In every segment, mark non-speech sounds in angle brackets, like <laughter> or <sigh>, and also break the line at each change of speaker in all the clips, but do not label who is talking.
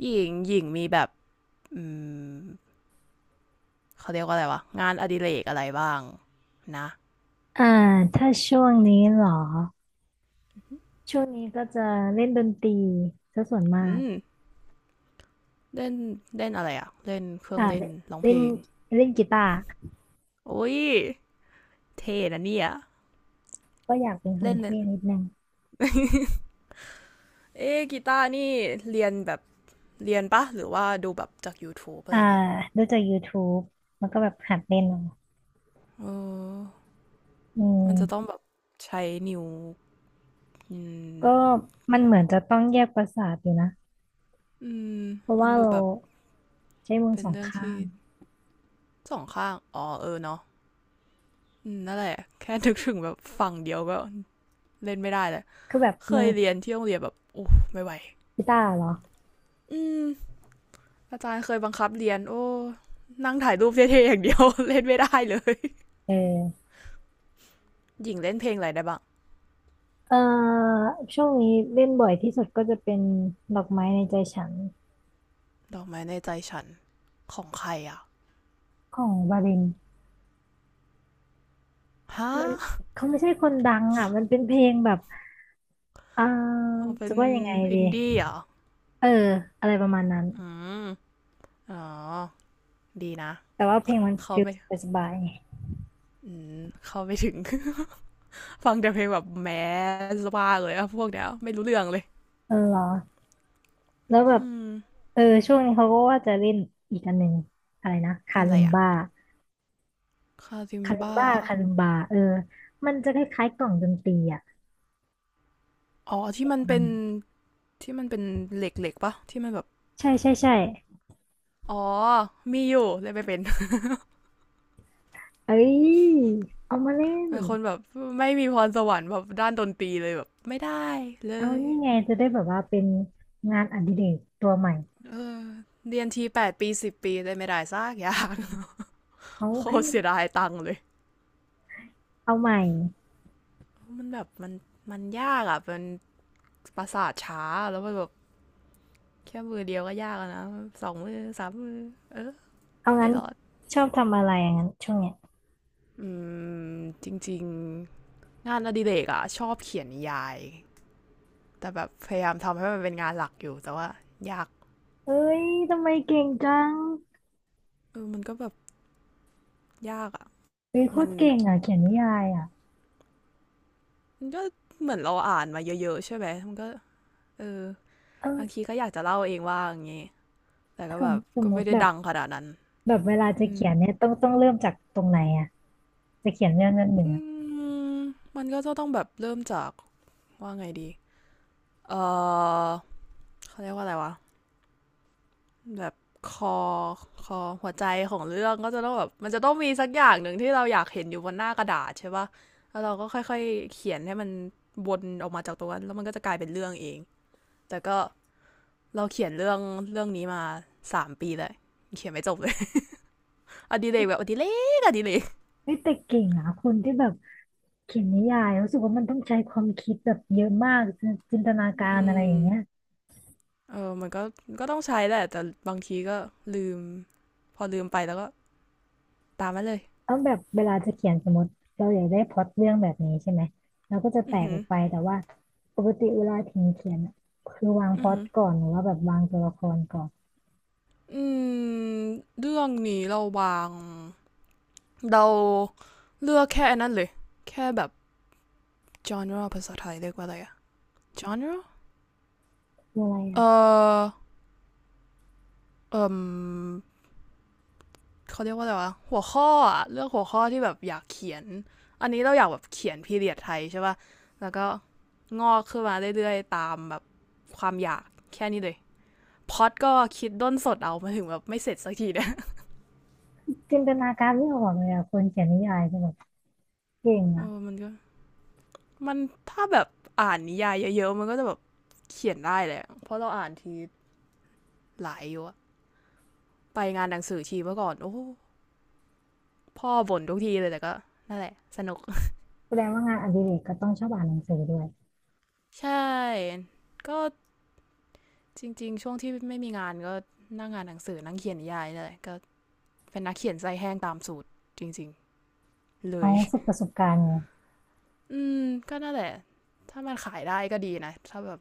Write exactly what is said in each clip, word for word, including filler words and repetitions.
หญิงหญิงมีแบบอืมเขาเรียกว่าอะไรวะ งานอดิเรกอะไรบ้างนะ
อ่าถ้าช่วงนี้เหรอช่วงนี้ก็จะเล่นดนตรีซะส่วนมา
อื
ก
มเล่นเล่นอะไรอะเล่นเครื่อ
อ่า
งเล่นร้อง
เล่
เพล
น
ง
เล่นกีตาร์
โอ้ย เท่นะเนี่ย
ก็อยากเป็นคน
เล่นเนี่ย
เท่นิดนึง
เอ๊ะกีตาร์นี่ เรียนแบบ เรียนปะ หรือว่าดูแบบจาก YouTube อะไร
อ่า
อย่างงี้
ดูจาก YouTube มันก็แบบหัดเล่นเอา
เออ
อืม
มันจะต้องแบบใช้นิ้วอื
ก็
ม
มันเหมือนจะต้องแยกประสาทอยู่นะ
อืม
เพราะ
มัน
ว่า
ดู
เรา
แบบ
ใช้มือ
เป็
ส
น
อง
เรื่อง
ข้า
ที่
ง
สองข้าง อ๋อเออเนาะอืมนั่นแหละแค่นึกถึงแบบฝั่งเดียวก็เล่นไม่ได้เลย
คือแบบ
เค
มื
ย
อ
เรียนที่โรงเรียนแบบโอ้ไม่ไหว
กีตาร์เหรอ
อืมอาจารย์เคยบังคับเรียนโอ้ นั่งถ่ายรูปเท่ๆอย่างเดียว <laughs> เล่นไม่ได้เลย
เออ
หญิงเล่นเพลงอะไรได้บ้าง
เอ่อช่วงนี้เล่นบ่อยที่สุดก็จะเป็นดอกไม้ในใจฉัน
ดอกไม้ในใจฉันของใครอ่ะ
ของวาริน
ฮ
มัน
ะ
เขาไม่ใช่คนดังอ่ะมันเป็นเพลงแบบอ่า
อ๋อเป็
จะ
น
ว่ายังไง
อิ
ดี
นดี้เหรอ
เอออะไรประมาณนั้น
อืม อ๋อ ดีนะ
แต่ว่าเพลงมัน
เขา
ฟีล
ไม่
สบายๆไง
อืมเขาไม่ถึง <laughs> ฟังแต่เพลงแบบแมสบ้าเลยอะพวกเนี้ยไม่รู้เรื่องเลย
เออเหรอแล้วแบ
อื
บ
ม
เออช่วงนี้เขาก็ว่าจะเล่นอีกอันหนึ่งอะไรนะคา
เล่นอะ
ลิ
ไร
ม
อะ
บ้า
คาซิม
คาลิม
บ้า
บ้าคาลิมบาเออมันจะคล้ายๆกล่องดนตรีอ่ะ
อ๋อที่มั
ป
น
ระมา
เป็
ณ
น
นั้น
ที่มันเป็นเหล็กๆปะที่มันแบบ
ใช่ใช่ใช่
อ๋อ มีอยู่เลยไม่เป็น <laughs>
เอ้ยเอามาเล่น
เป็นคนแบบไม่มีพรสวรรค์แบบด้านดนตรีเลยแบบไม่ได้เล
เอา
ย
นี่ไงจะได้แบบว่าเป็นงานอดิเรกตัวใหม่
เรียนทีแปดปีสิบปีเลยไม่ได้ซากอยาง
เอา
<laughs> โค
ให้
ตร
มัน
เสียดายตังค์เลย
เอาใหม่
มันแบบมันมันยากอ่ะเป็นประสาทช้าแล้วมันแบบแค่มือเดียวก็ยากแล้วนะสองมือสามมือเออ
เอา
ไม่
งั้น
รอด
ชอบทำอะไรอย่างนั้นช่วงเนี้ย
อืมจริงๆงานอดิเรกอ่ะชอบเขียนนิยายแต่แบบพยายามทำให้มันเป็นงานหลักอยู่แต่ว่ายาก
เอ้ยทำไมเก่งจัง
เออมันก็แบบยากอ่ะ
เฮ้ยโค
มั
ต
น
รเก่งอ่ะเขียนนิยายอ่ะ
มันก็เหมือนเราอ่านมาเยอะๆใช่ไหมมันก็เออ
เอ
บางที
อ
ก็อยากจะเล่าเองว่าอย่างงี้ แต่ก็
ส
แบ
ม
บ
สม
ก็
ม
ไม่
ติ
ได้
แบบ
ดังขนาดนั้น
แบบเวลาจะ
อืม
เขียนเนี่ยต้องต้องเริ่มจากตรงไหนอ่ะจะเขียนเรื่องนั้นหนึ่ง
อื
อ่ะ
มมันก็จะต้องแบบเริ่มจากว่าไงดีเออเขาเรียกว่าอะไรวะแบบคอคอหัวใจของเรื่องก็จะต้องแบบมันจะต้องมีสักอย่างหนึ่งที่เราอยากเห็นอยู่บนหน้ากระดาษใช่ปะแล้วเราก็ค่อยๆเขียนให้มันวนออกมาจากตรงนั้นแล้วมันก็จะกลายเป็นเรื่องเองแต่ก็ เราเขียนเรื่องเรื่องนี้มาสามปีเลยเขียนไม่จบเลย <laughs> อดิเรกแบบอดิเรกอดิเรก
เฮ้ยแต่เก่งอ่ะคนที่แบบเขียนนิยายรู้สึกว่ามันต้องใช้ความคิดแบบเยอะมากจินจินตนาการ
อื
อะไรอย่าง
ม
เงี้ย
เออมันก็ก็ต้องใช้แหละแต่บางทีก็ลืมพอลืมไปแล้วก็ตามมาเลย
เอาแบบเวลาจะเขียนสมมติเราอยากได้พล็อตเรื่องแบบนี้ใช่ไหมเราก็จะแต
อือ
ก
หื
อ
อ
อกไปแต่ว่าปกติเวลาถึงเขียนอะคือวางพ
อือ
ล็อต
หือ
ก่อนหรือว่าแบบวางตัวละครก่อน
อืมเรื่องนี้เราวางเราเลือกแค่นนั้นเลยแค่แบบ genre ภาษาไทยเรียกว่าอะไรอะ genre
คืออะไรอ่ะ
เอ่อเอ่ม เขาเรียกว่าอะไรวะหัวข้ออะเลือกหัวข้อที่แบบอยากเขียนอันนี้เราอยากแบบเขียนพีเรียดไทยใช่ป่ะแล้วก็งอกขึ้นมาเรื่อยๆตามแบบความอยากแค่นี้เลยพอดก็คิดด้นสดเอามาถึงแบบไม่เสร็จสักทีเนี่ย
จินตนาการไม่ออกเลยอ่ะคนเขียนนิยายจะแบบเก่ง
<laughs> อ้
อ่ะ
มันก็มันถ้าแบบอ่านนิยายเยอะๆมันก็จะแบบเขียนได้แหละเพราะเราอ่านทีหลายอยู่อะไปงานหนังสือทีเมื่อก่อนโอ้พ่อบ่นทุกทีเลยแต่ก็นั่นแหละสนุก
แสดงว่างานอดิเรกก็ต้องชอบอ่านหนังสือด้วย
<laughs> ใช่ก็ จริงๆ ช่วงที่ไม่มีงานก็นั่งงานหนังสือนั่งเขียนนิยายนี่แหละก็เป็นนักเขียนใจแห้งตามสูตรจริงๆเล
เอา
ย
ฝึกประสบการณ์ไง
อืมก็นั่นแหละถ้ามันขายได้ก็ดีนะถ้าแบบ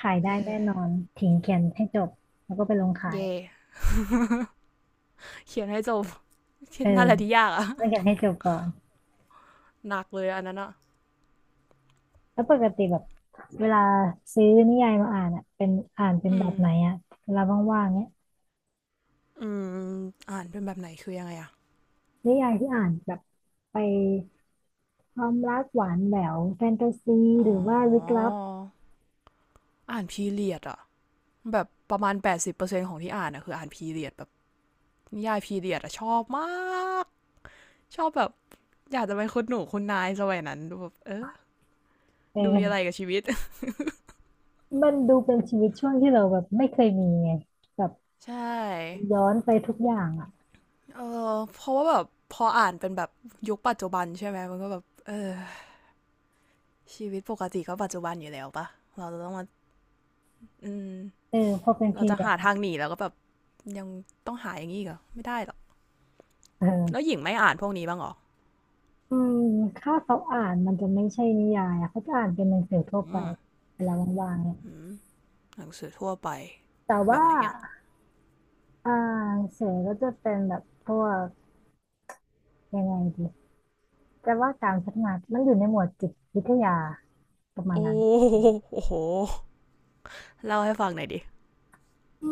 ขายได้แน่
เอ
น
อ
อนทิ้งเขียนให้จบแล้วก็ไปลงขาย
เย่เขียนให้จบ
เออ
นั่นแหละที่ยากอะ
ต้องเขียนให้จบก่อน
หนักเลยอันนั้นอะ
แล้วปกติแบบเวลาซื้อนิยายมาอ่านอ่ะเป็นอ่านเป็น
อื
แบ
ม
บไหนอ่ะเวลาว่างๆเนี้ย
อืมอ่านเป็นแบบไหนคือยังไงอะ
นิยายที่อ่านแบบไปความรักหวานแหววแฟนตาซี
อ๋
ห
อ
รือว่าลึกลับ
อ่านพีเรียดอะแบบประมาณแปดสิบเปอร์เซ็นต์ของที่อ่านอะคืออ่านพีเรียดแบบนิยายพีเรียดอะชอบมากชอบแบบอยากจะเป็นคนหนูคุณนายสมัยนั้นแบบเออ
เ
ดูมีอะไร
ออ
กับชีวิต <laughs>
มันดูเป็นชีวิตช่วงที่เราแบบไม่เคยมีไงบ
ใช่
ย้อนไปทุกอย่างอ่ะ
เออเพราะว่าแบบพออ่านเป็นแบบยุคปัจจุบันใช่ไหมมันก็แบบเออชีวิตปกติก็ปัจจุบันอยู่แล้วปะเราจะต้องมาอืม
เออพอเป็น
เรา
พี
จะ
เรีย
หา
ด
ทางหนีแล้วก็แบบยังต้องหาอย่างนี้อกเหรอไม่ได้หรอกแล้ว
เออ
หญิงไม่อ่านพวกนี้บ้างหรอ
อืมถ้าเขาอ่านมันจะไม่ใช่นิยายอะเขาจะอ่านเป็นหนังสือทั่วไป
อืม
เวลาว่างๆเนี่ย
อืมหนังสือทั่วไป
แต่
แบ
ว่า
บไหนอ่ะ
อ่าหนังสือก็จะเป็นแบบพวกยังไงดีแต่ว่าการพัฒนามันอยู่ในหมวดจิตวิทยาประมาณ
โอ้
นั้น
โหเล่าให้ฟังหน่อยดิ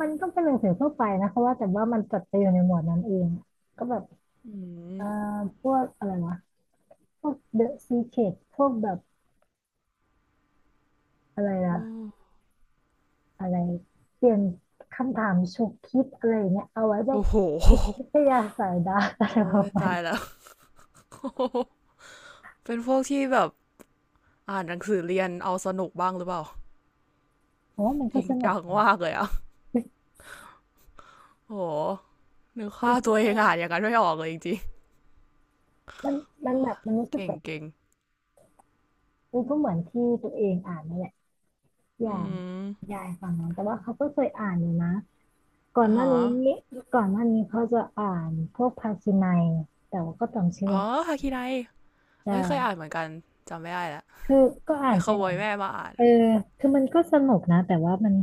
มันก็เป็นหนังสือทั่วไปนะคะว่าแต่ว่ามันจัดไปอยู่ในหมวดนั้นเองก็แบบ
อืม
เอ่อพวกอะไรวะพวก The Secret พวกแบบอะไรนะ อะไรเปลี่ยนคำถามฉุกคิดอะไรอย่างเงี้ยเอาไว้แบบ
โอ้โห
จิตวิทยาสายดาร์กอะ
โอ้
ไรประ
ย
มาณ
ตายแล้
นี้
ว <laughs> เป็นพวกที่แบบ อ่านหนังสือเรียนเอาสนุกบ้างหรือเปล่า
เพราะว่ามัน
จ
ก็
ริง
สนุก
จังมากเลยอ่ะโอ้โหนึก
มัน
ค่าตัวเองอ่านอย่างนั้นไม่ออกเลยจริง
มัน
ๆ
มั
เอ
นแบ
อ
บมันรู้สึก
เก่ง
แบบ
เก่ง
มันก็เหมือนที่ตัวเองอ่านนั่นแหละอ
อื
ย่าง
ม
ยายฟังนะแต่ว่าเขาก็เคยอ่านอยู่นะก่อน
อ่า
หน้า
ฮะ
นี้ก่อนหน้านี้เขาจะอ่านพวกภาคีนัยแต่ว่าก็ต้องเชื่อ
อ๋อ
ม
ฮาคิไน
ใช่
เอ้ยเคยอ่านเหมือนกันจำไม่ได้ละ
คือก็
ไป
อ่าน
ข
ไป
โม
หลา
ย
ย
แม่มาอ่าน
เออคือมันก็สนุกนะแต่ว่ามัน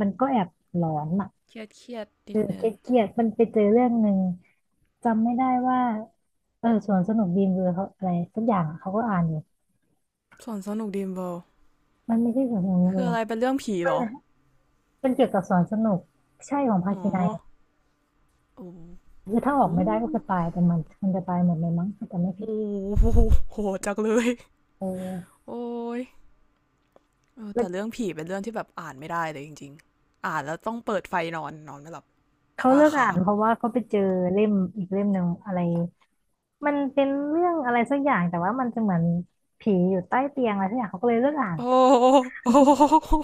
มันก็แอบหลอนอะ
เครียดเครียด
เอ
นิด
อ
นึง
เกลียดๆมันไปเจอเรื่องหนึ่งจำไม่ได้ว่าเออสวนสนุกบีมเบอร์เขาอะไรสักอย่างอะเขาก็อ่านอยู่
ส่วนสนุกดีมเบล
มันไม่ใช่สวนสนุกบีมเบ
คื
อ
ออะไร
ร์
เป็นเรื่องผี
มั
เหร
น
อ
นะมันเกี่ยวกับสวนสนุกใช่ของภา
อ๋อ
คีนัยอะคือถ้าออก
อู้
ไม่ได้ก็คือตายแต่มันมันจะตายหมดเลยมั้งถ้าจำไม่ผิด
โอ้โหโหจักเลย
เออ
โอ้ย
แล้ว
แต่เรื่องผีเป็นเรื่องที่แบบอ่านไม่ได้เลยจริงๆอ่านแล้วต้องเปิดไฟนอนนอนไม่หลับ
เขา
ตา
เลิกอ่า
ค้า
น
ง
เพราะว่าเขาไปเจอเล่มอีกเล่มหนึ่งอะไรมันเป็นเรื่องอะไรสักอย่างแต่ว่ามันจะเหมือนผีอยู่ใต้เตียงอะไรสักอย่างเขาก็เลยเลิกอ่าน
โอ้โอ้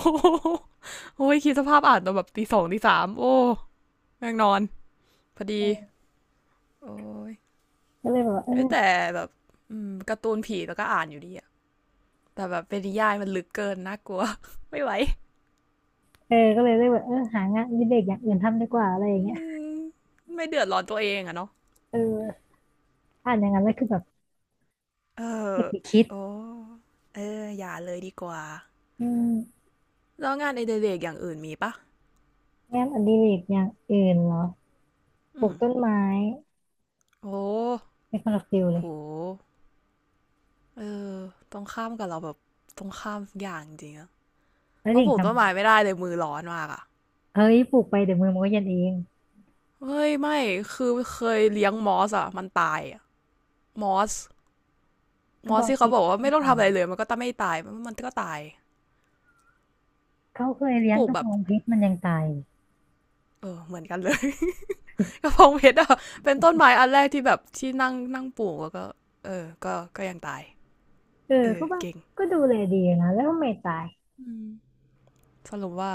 โอ้ยคิดสภาพอ่านตอนแบบตีสองตีสามโอ้แม่งนอนพอดีโอ้ย
ก็เลยแบบว่าเออ
้แต่แบบอมการ์ตูนผีแล้วก็อ่านอยู่ดีอะแต่แบบเป็นนิยายมันลึกเกินน่ากลัว <laughs> ไม่ไหว
เออก็เลยเลิกแบบเออหางานอดิเรกอย่างอื่นทำดีกว่าอะไรอย่างเงี้ย
มไม่เดือดร้อนตัวเองอะเนาะ
เอออ่านอย่างนั้นแล้วคือแบบ
เออ
เก็บไปคิด
โอ้เอออย่าเลยดีกว่า
อืม
แล้วงานไอเดเรกอย่างอื่นมีปะ
งานอดิเรกอย่างอื่นเหรอป
อื
ลูก
ม
ต้นไม้
โอ้
ไม่คนละฟิลเล
โห
ย
เออตรงข้ามกับเราแบบตรงข้ามอย่างจริงอะ
แล้ว
เพราะ
ดิ่
ป
ง
ลู
ท
กต้นไม้ไม่ได้เลยมือร้อนมากอะ
ำเฮ้ยปลูกไปเดี๋ยวมือมันก็เย็นเอง
เฮ้ยไม่คือเคยเลี้ยงมอสอะมันตายอะมอส
ก
ม
ระ
อ
บ
ส
อง
ที่
เพ
เขา
ช
บ
ร
อก
ก็
ว่า
ยัง
ไม่ต้อง
ตา
ทำอะไร
ย
เลยมันก็ต้องไม่ตายมันก็ตาย
เขาเคยเลี้ย
ป
ง
ลู
ก
ก
ระ
แบ
บ
บ
องเพชรมันยังตายเลย
เออเหมือนกันเลย <laughs> กระเพงเพชรอะเป็นต้นไม้อันแรกที่แบบที่นั่งนั่งปลูกแล้วก็เออก็ก็ยังตาย
เออ
เออ
เขาบอก
เก่ง
ก็ดูแลดีนะแล้วไม่ตาย
สรุปว่า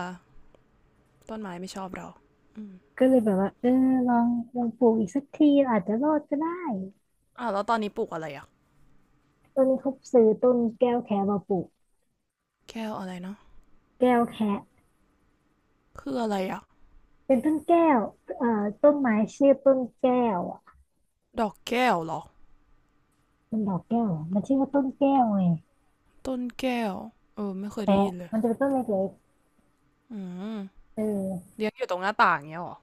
ต้นไม้ไม่ชอบเราอืม
ก็เลยแบบว่าเออลองลองปลูกอีกสักทีอาจจะรอดก็ได้
่ะแล้วตอนนี้ปลูกอะไรอะ
ต้นนี้เขาซื้อต้นแก้วแคะมาปลูก
แก้วอะไรเนาะ
แก้วแคะ
คืออะไรอะ
เป็นต้นแก้วเอ่อต้นไม้ชื่อต้นแก้ว
ดอกแก้วหรอ
มันดอกแก้วเหรอมันชื่อว่าต้นแก้วไง
ต้นแก้วเออไม่เค
แค
ยได้
ระ
ยินเลย
มันจะเป็นต้นเล็ก
อืม
ๆเออ
เลี้ยงอยู่ตรงหน้าต่างเงี้ยหรอ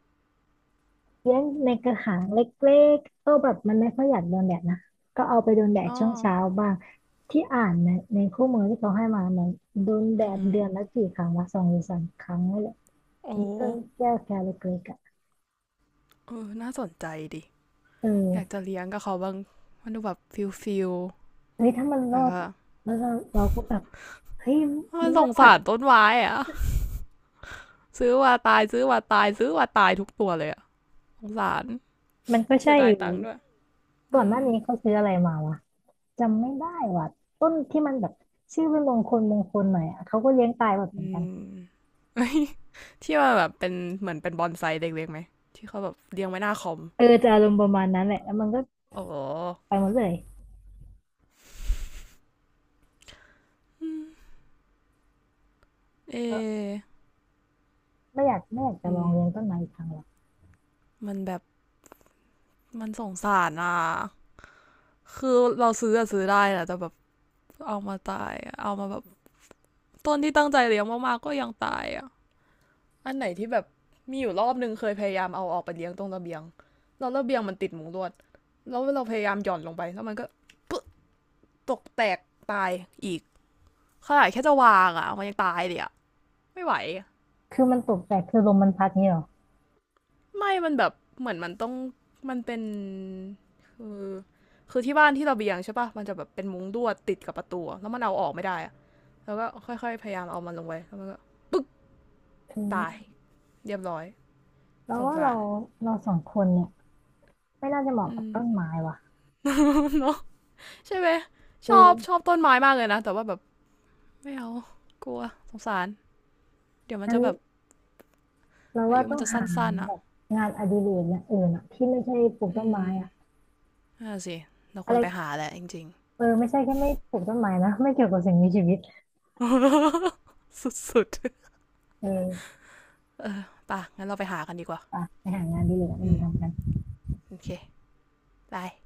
เลี้ยงในกระถางเล็กๆก็แบบมันไม่ค่อยอยากโดนแดดนะก็เอาไปโดนแดด
อ๋อ
ช่วงเช้าบ้างที่อ่านในในคู่มือที่เขาให้มาเนี่ยโดนแด
อือ
ด
หือ
เดือนละกี่ครั้งวะสองหรือสามครั้งนี่แหละ
โอ้
มนต้นแก้วแคระเล็กๆอ่ะ
เออน่าสนใจดิ
เอ
อยาก
อ
จะเลี้ยงกับเขาบ้างมันดูแบบฟิลฟิล
เฮ้ยถ้ามันรอ
แล้ว
ด
ก็
แล้วเราเราก็แบบเฮ้ยมัน
ส
รอ
งสา
ด
รต้นไม้อะ ซื้อว่าตายซื้อว่าตายซื้อว่าตายทุกตัวเลยอะสงสาร
มันก็
เสี
ใช่
ยดา
อ
ย
ยู่
ตังค์ด้วย
ก่อ
อื
นหน้า
ม
นี้เขาซื้ออะไรมาวะ จำไม่ได้ว่ะต้นที่มันแบบชื่อเป็นมงคลมงคลหน่อยอ่ะเขาก็เลี้ยงตายแบบ
อื
เหมือนกัน
ม <laughs> อที่ว่าแบบเป็นเหมือนเป็นบอนไซเด็กๆไหม ที่เขาแบบเลี้ยงไว้หน้าคอม
เออจะอารมณ์ประมาณนั้นแหละแล้วมันก็
โอ้
ไปหมดเลย
อืเออ
เออไม่อยากไม่อยากจะ
อื
ลอ
ม
งเลี้ยงต้นไม้อีกครั้งหรอก
มันแบบมันสงสารอ่ะ คือเราซื้ออะซื้อได้นะแต่แบบเอามาตายเอามาแบบต้นที่ตั้งใจเลี้ยงมากๆก็ยังตายอะอันไหนที่แบบมีอยู่รอบนึงเคยพยายามเอาออกไปเลี้ยงตรงระเบียงแล้วระเบียงมันติดมุงลวดแล้วเราพยายามหย่อนลงไปแล้วมันก็ปึ๊ะตกแตกตายอีกขนาดแค่จะวางอะมันยังตายเลยอะไม่ไหว
คือมันตกแต่คือลมมันพัดนี่หรอ
ไม่มันแบบเหมือนมันต้องมันเป็นคือคือที่บ้านที่ระเบียงใช่ปะมันจะแบบเป็นมุ้งลวดติดกับประตูแล้วมันเอาออกไม่ได้อะแล้วก็ค่อยๆพยายามเอามันลงไปแล้วมันก็
คือ
ตายเรียบร้อย
เรา
สง
ว่า
สา
เรา
ร
เราสองคนเนี่ยไม่น่าจะเหมาะ
อื
กับ
ม
ต้นไม้ว่ะ
<laughs> เนาะใช่ไหมช
คื
อบชอ
อ
บต้นไม้มากเลยนะแต่ว่าแบบไม่เอากลัวสงสารเดี๋ยวมัน
งั้น
จะแบบ
เรา
อา
ว่า
ยุมั
ต้อ
น
ง
จะสั
หา
้นๆ
แบ
อ่ะ
บงานอดิเรกอย่างอื่นอะที่ไม่ใช่ปลูก
อื
ต้นไม้
ม
อะ
น่าสิเราค
อะ
ว
ไร
รไปหาแหละจริง
เออไม่ใช่แค่ไม่ปลูกต้นไม้นะไม่เกี่ยวกับสิ่งมีชีวิต
ๆ <laughs> สุดๆ
เออ
เออป่ะงั้นเราไปหากันดีกว่า
ไปไปหางานอดีเลยกอื่
อื
น
ม
ทำกัน
โอเคไป